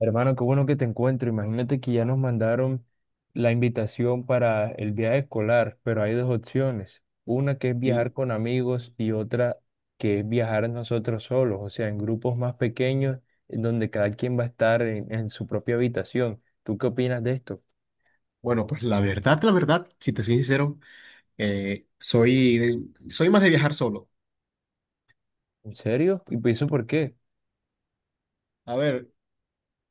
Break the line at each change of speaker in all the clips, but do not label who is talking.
Hermano, qué bueno que te encuentro. Imagínate que ya nos mandaron la invitación para el viaje escolar, pero hay dos opciones. Una que es viajar
Sí.
con amigos y otra que es viajar nosotros solos, o sea, en grupos más pequeños, en donde cada quien va a estar en su propia habitación. ¿Tú qué opinas de esto?
Bueno, pues la verdad, si te soy sincero, soy, soy más de viajar solo.
¿En serio? ¿Y eso por qué?
A ver,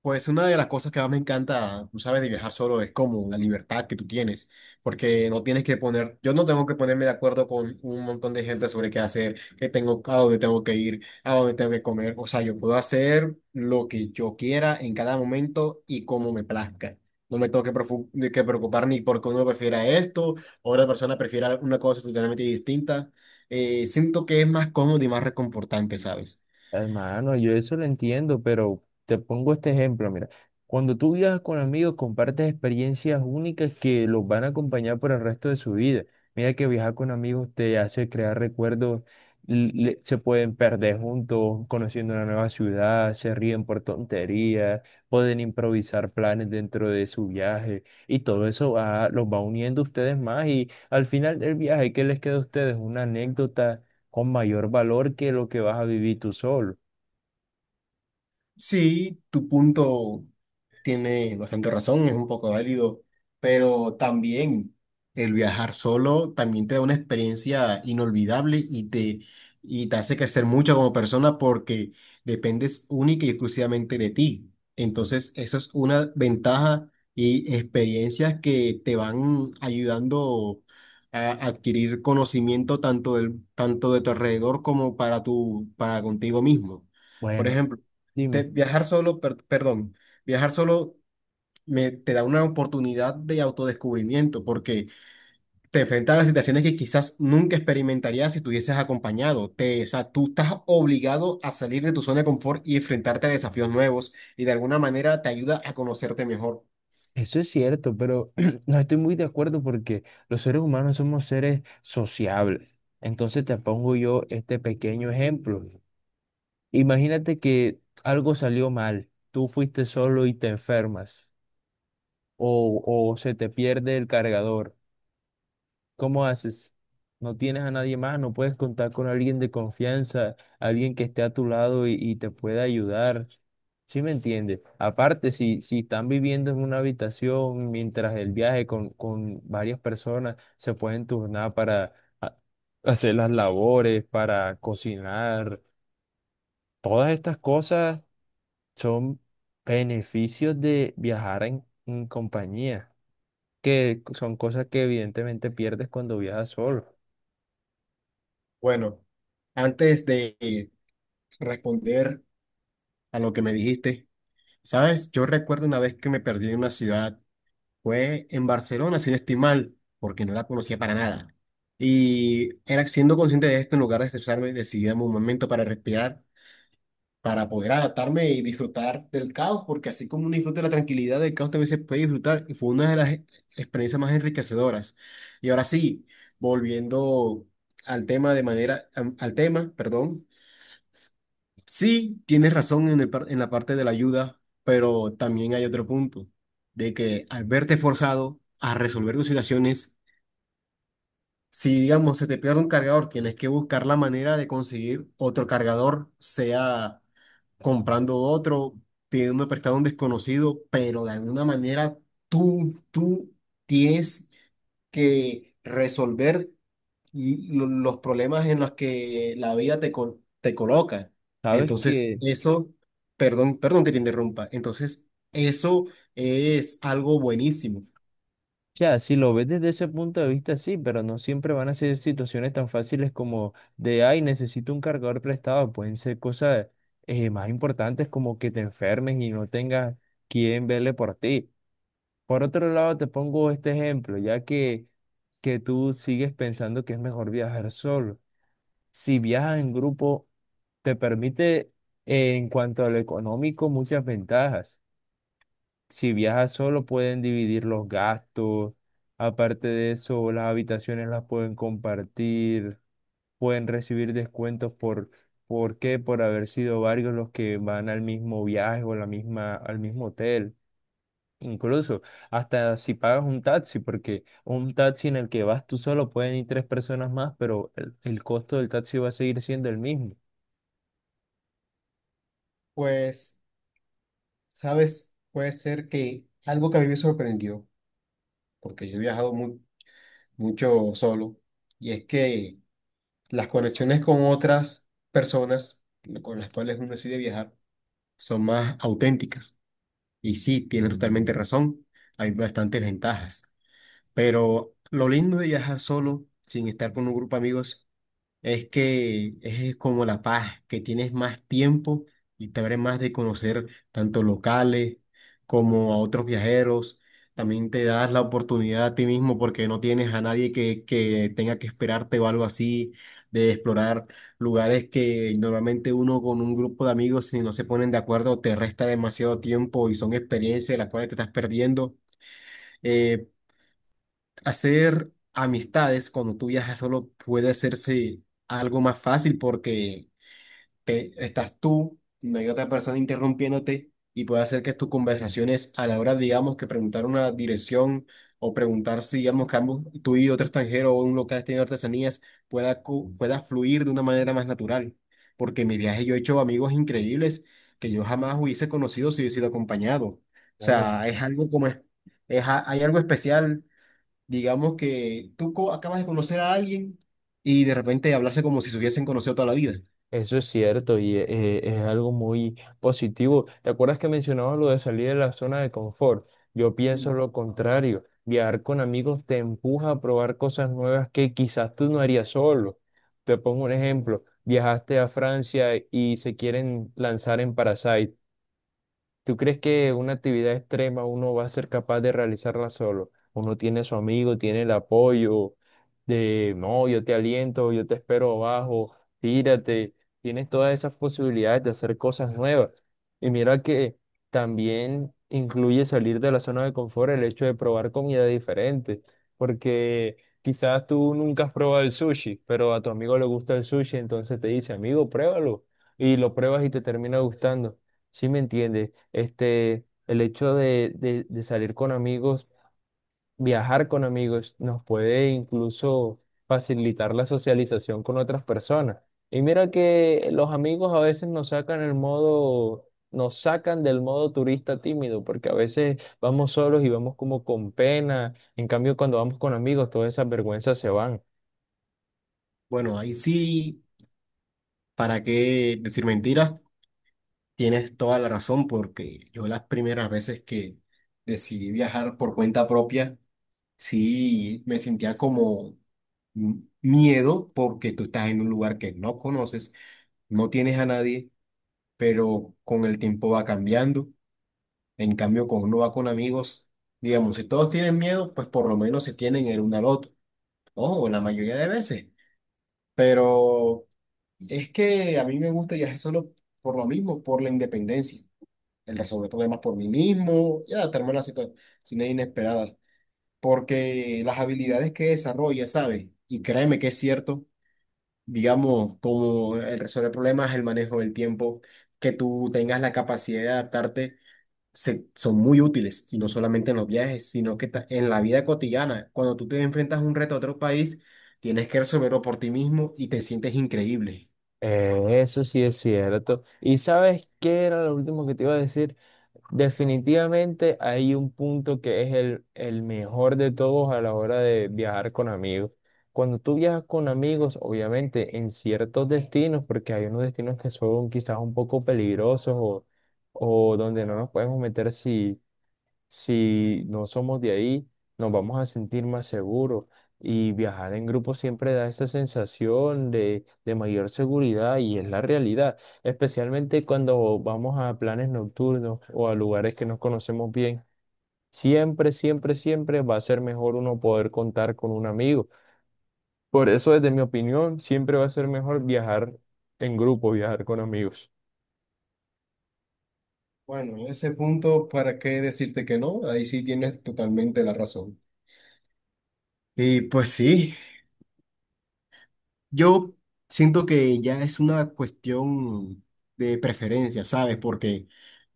pues una de las cosas que más me encanta, tú sabes, de viajar solo es como la libertad que tú tienes, porque no tienes que poner, yo no tengo que ponerme de acuerdo con un montón de gente sobre qué hacer, qué tengo, a dónde tengo que ir, a dónde tengo que comer. O sea, yo puedo hacer lo que yo quiera en cada momento y como me plazca. No me tengo que, de que preocupar ni porque uno prefiera esto o otra persona prefiera una cosa totalmente distinta. Siento que es más cómodo y más reconfortante, ¿sabes?
Hermano, yo eso lo entiendo, pero te pongo este ejemplo, mira, cuando tú viajas con amigos compartes experiencias únicas que los van a acompañar por el resto de su vida. Mira que viajar con amigos te hace crear recuerdos, se pueden perder juntos, conociendo una nueva ciudad, se ríen por tonterías, pueden improvisar planes dentro de su viaje y todo eso los va uniendo a ustedes más y al final del viaje, ¿qué les queda a ustedes? Una anécdota con mayor valor que lo que vas a vivir tú solo.
Sí, tu punto tiene bastante razón, es un poco válido, pero también el viajar solo también te da una experiencia inolvidable y te hace crecer mucho como persona porque dependes única y exclusivamente de ti. Entonces, eso es una ventaja y experiencias que te van ayudando a adquirir conocimiento tanto de tu alrededor como para para contigo mismo. Por
Bueno,
ejemplo,
dime,
viajar solo, perdón, viajar solo te da una oportunidad de autodescubrimiento porque te enfrentas a situaciones que quizás nunca experimentarías si estuvieses acompañado. O sea, tú estás obligado a salir de tu zona de confort y enfrentarte a desafíos nuevos y de alguna manera te ayuda a conocerte mejor.
eso es cierto, pero no estoy muy de acuerdo porque los seres humanos somos seres sociables. Entonces te pongo yo este pequeño ejemplo. Imagínate que algo salió mal, tú fuiste solo y te enfermas o se te pierde el cargador. ¿Cómo haces? No tienes a nadie más, no puedes contar con alguien de confianza, alguien que esté a tu lado y te pueda ayudar. ¿Sí me entiendes? Aparte, si están viviendo en una habitación mientras el viaje con varias personas, se pueden turnar para a- hacer las labores, para cocinar. Todas estas cosas son beneficios de viajar en compañía, que son cosas que evidentemente pierdes cuando viajas solo.
Bueno, antes de responder a lo que me dijiste, ¿sabes? Yo recuerdo una vez que me perdí en una ciudad. Fue en Barcelona, si no estoy mal, porque no la conocía para nada. Y era siendo consciente de esto, en lugar de estresarme, decidí darme un momento para respirar, para poder adaptarme y disfrutar del caos, porque así como uno disfruta de la tranquilidad, del caos también se puede disfrutar. Y fue una de las experiencias más enriquecedoras. Y ahora sí, volviendo al tema de manera, perdón. Sí, tienes razón en en la parte de la ayuda, pero también hay otro punto, de que al verte forzado a resolver tus situaciones, si digamos se te pierde un cargador, tienes que buscar la manera de conseguir otro cargador, sea comprando otro, pidiendo prestado a un desconocido, pero de alguna manera tú tienes que resolver los problemas en los que la vida te coloca.
Sabes
Entonces,
que,
eso, perdón que te interrumpa. Entonces, eso es algo buenísimo.
ya, si lo ves desde ese punto de vista, sí, pero no siempre van a ser situaciones tan fáciles como de, ay, necesito un cargador prestado. Pueden ser cosas más importantes como que te enfermes y no tengas quien vele por ti. Por otro lado, te pongo este ejemplo, ya que tú sigues pensando que es mejor viajar solo. Si viajas en grupo, te permite, en cuanto a lo económico, muchas ventajas. Si viajas solo, pueden dividir los gastos. Aparte de eso, las habitaciones las pueden compartir. Pueden recibir descuentos ¿por qué? Por haber sido varios los que van al mismo viaje o la misma, al mismo hotel. Incluso hasta si pagas un taxi, porque un taxi en el que vas tú solo pueden ir tres personas más, pero el costo del taxi va a seguir siendo el mismo.
Pues, sabes, puede ser que algo que a mí me sorprendió, porque yo he viajado mucho solo, y es que las conexiones con otras personas con las cuales uno decide viajar son más auténticas. Y sí, tienes totalmente razón, hay bastantes ventajas. Pero lo lindo de viajar solo, sin estar con un grupo de amigos, es que es como la paz, que tienes más tiempo y te abres más de conocer tanto locales como a otros viajeros. También te das la oportunidad a ti mismo porque no tienes a nadie que tenga que esperarte o algo así, de explorar lugares que normalmente uno con un grupo de amigos, si no se ponen de acuerdo, te resta demasiado tiempo y son experiencias de las cuales te estás perdiendo. Eh, Hacer amistades cuando tú viajas solo puede hacerse algo más fácil porque estás tú, no hay otra persona interrumpiéndote y puede hacer que tus conversaciones a la hora, digamos, que preguntar una dirección o preguntar si, digamos, que ambos, tú y otro extranjero o un local tiene artesanías, pueda fluir de una manera más natural. Porque en mi viaje yo he hecho amigos increíbles que yo jamás hubiese conocido si hubiese sido acompañado. O
Bueno,
sea, es algo como... Es, hay algo especial. Digamos que acabas de conocer a alguien y de repente hablarse como si se hubiesen conocido toda la vida.
eso es cierto y es algo muy positivo. ¿Te acuerdas que mencionabas lo de salir de la zona de confort? Yo pienso lo contrario. Viajar con amigos te empuja a probar cosas nuevas que quizás tú no harías solo. Te pongo un ejemplo. Viajaste a Francia y se quieren lanzar en Parasite. ¿Tú crees que una actividad extrema uno va a ser capaz de realizarla solo? Uno tiene su amigo, tiene el apoyo de, no, yo te aliento, yo te espero abajo, tírate. Tienes todas esas posibilidades de hacer cosas nuevas. Y mira que también incluye salir de la zona de confort el hecho de probar comida diferente, porque quizás tú nunca has probado el sushi, pero a tu amigo le gusta el sushi, entonces te dice, amigo, pruébalo. Y lo pruebas y te termina gustando. Sí, me entiende. Este, el hecho de salir con amigos, viajar con amigos, nos puede incluso facilitar la socialización con otras personas. Y mira que los amigos a veces nos sacan el modo, nos sacan del modo turista tímido, porque a veces vamos solos y vamos como con pena. En cambio, cuando vamos con amigos, todas esas vergüenzas se van.
Bueno, ahí sí, ¿para qué decir mentiras? Tienes toda la razón porque yo las primeras veces que decidí viajar por cuenta propia, sí me sentía como miedo porque tú estás en un lugar que no conoces, no tienes a nadie, pero con el tiempo va cambiando. En cambio, cuando uno va con amigos, digamos, si todos tienen miedo, pues por lo menos se tienen el uno al otro. Ojo, la mayoría de veces. Pero es que a mí me gusta viajar solo por lo mismo, por la independencia. El resolver problemas por mí mismo y adaptarme a las situaciones inesperadas. Porque las habilidades que desarrolla, ¿sabes? Y créeme que es cierto, digamos, como el resolver problemas, el manejo del tiempo, que tú tengas la capacidad de adaptarte son muy útiles y no solamente en los viajes, sino que en la vida cotidiana, cuando tú te enfrentas a un reto a otro país, tienes que resolverlo por ti mismo y te sientes increíble.
Eso sí es cierto. ¿Y sabes qué era lo último que te iba a decir? Definitivamente hay un punto que es el mejor de todos a la hora de viajar con amigos. Cuando tú viajas con amigos, obviamente en ciertos destinos, porque hay unos destinos que son quizás un poco peligrosos o donde no nos podemos meter si no somos de ahí, nos vamos a sentir más seguros y viajar en grupo siempre da esa sensación de mayor seguridad y es la realidad, especialmente cuando vamos a planes nocturnos o a lugares que nos conocemos bien. Siempre, siempre, siempre va a ser mejor uno poder contar con un amigo. Por eso, desde mi opinión, siempre va a ser mejor viajar en grupo, viajar con amigos.
Bueno, en ese punto, ¿para qué decirte que no? Ahí sí tienes totalmente la razón. Y pues sí, yo siento que ya es una cuestión de preferencia, ¿sabes? Porque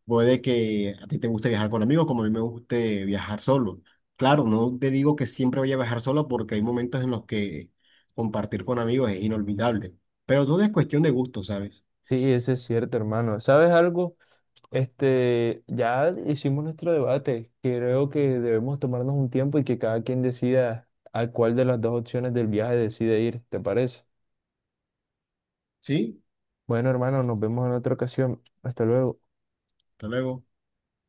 puede que a ti te guste viajar con amigos, como a mí me guste viajar solo. Claro, no te digo que siempre voy a viajar solo porque hay momentos en los que compartir con amigos es inolvidable, pero todo es cuestión de gusto, ¿sabes?
Sí, eso es cierto, hermano. ¿Sabes algo? Este, ya hicimos nuestro debate. Creo que debemos tomarnos un tiempo y que cada quien decida a cuál de las dos opciones del viaje decide ir, ¿te parece?
Sí,
Bueno, hermano, nos vemos en otra ocasión. Hasta luego.
hasta luego.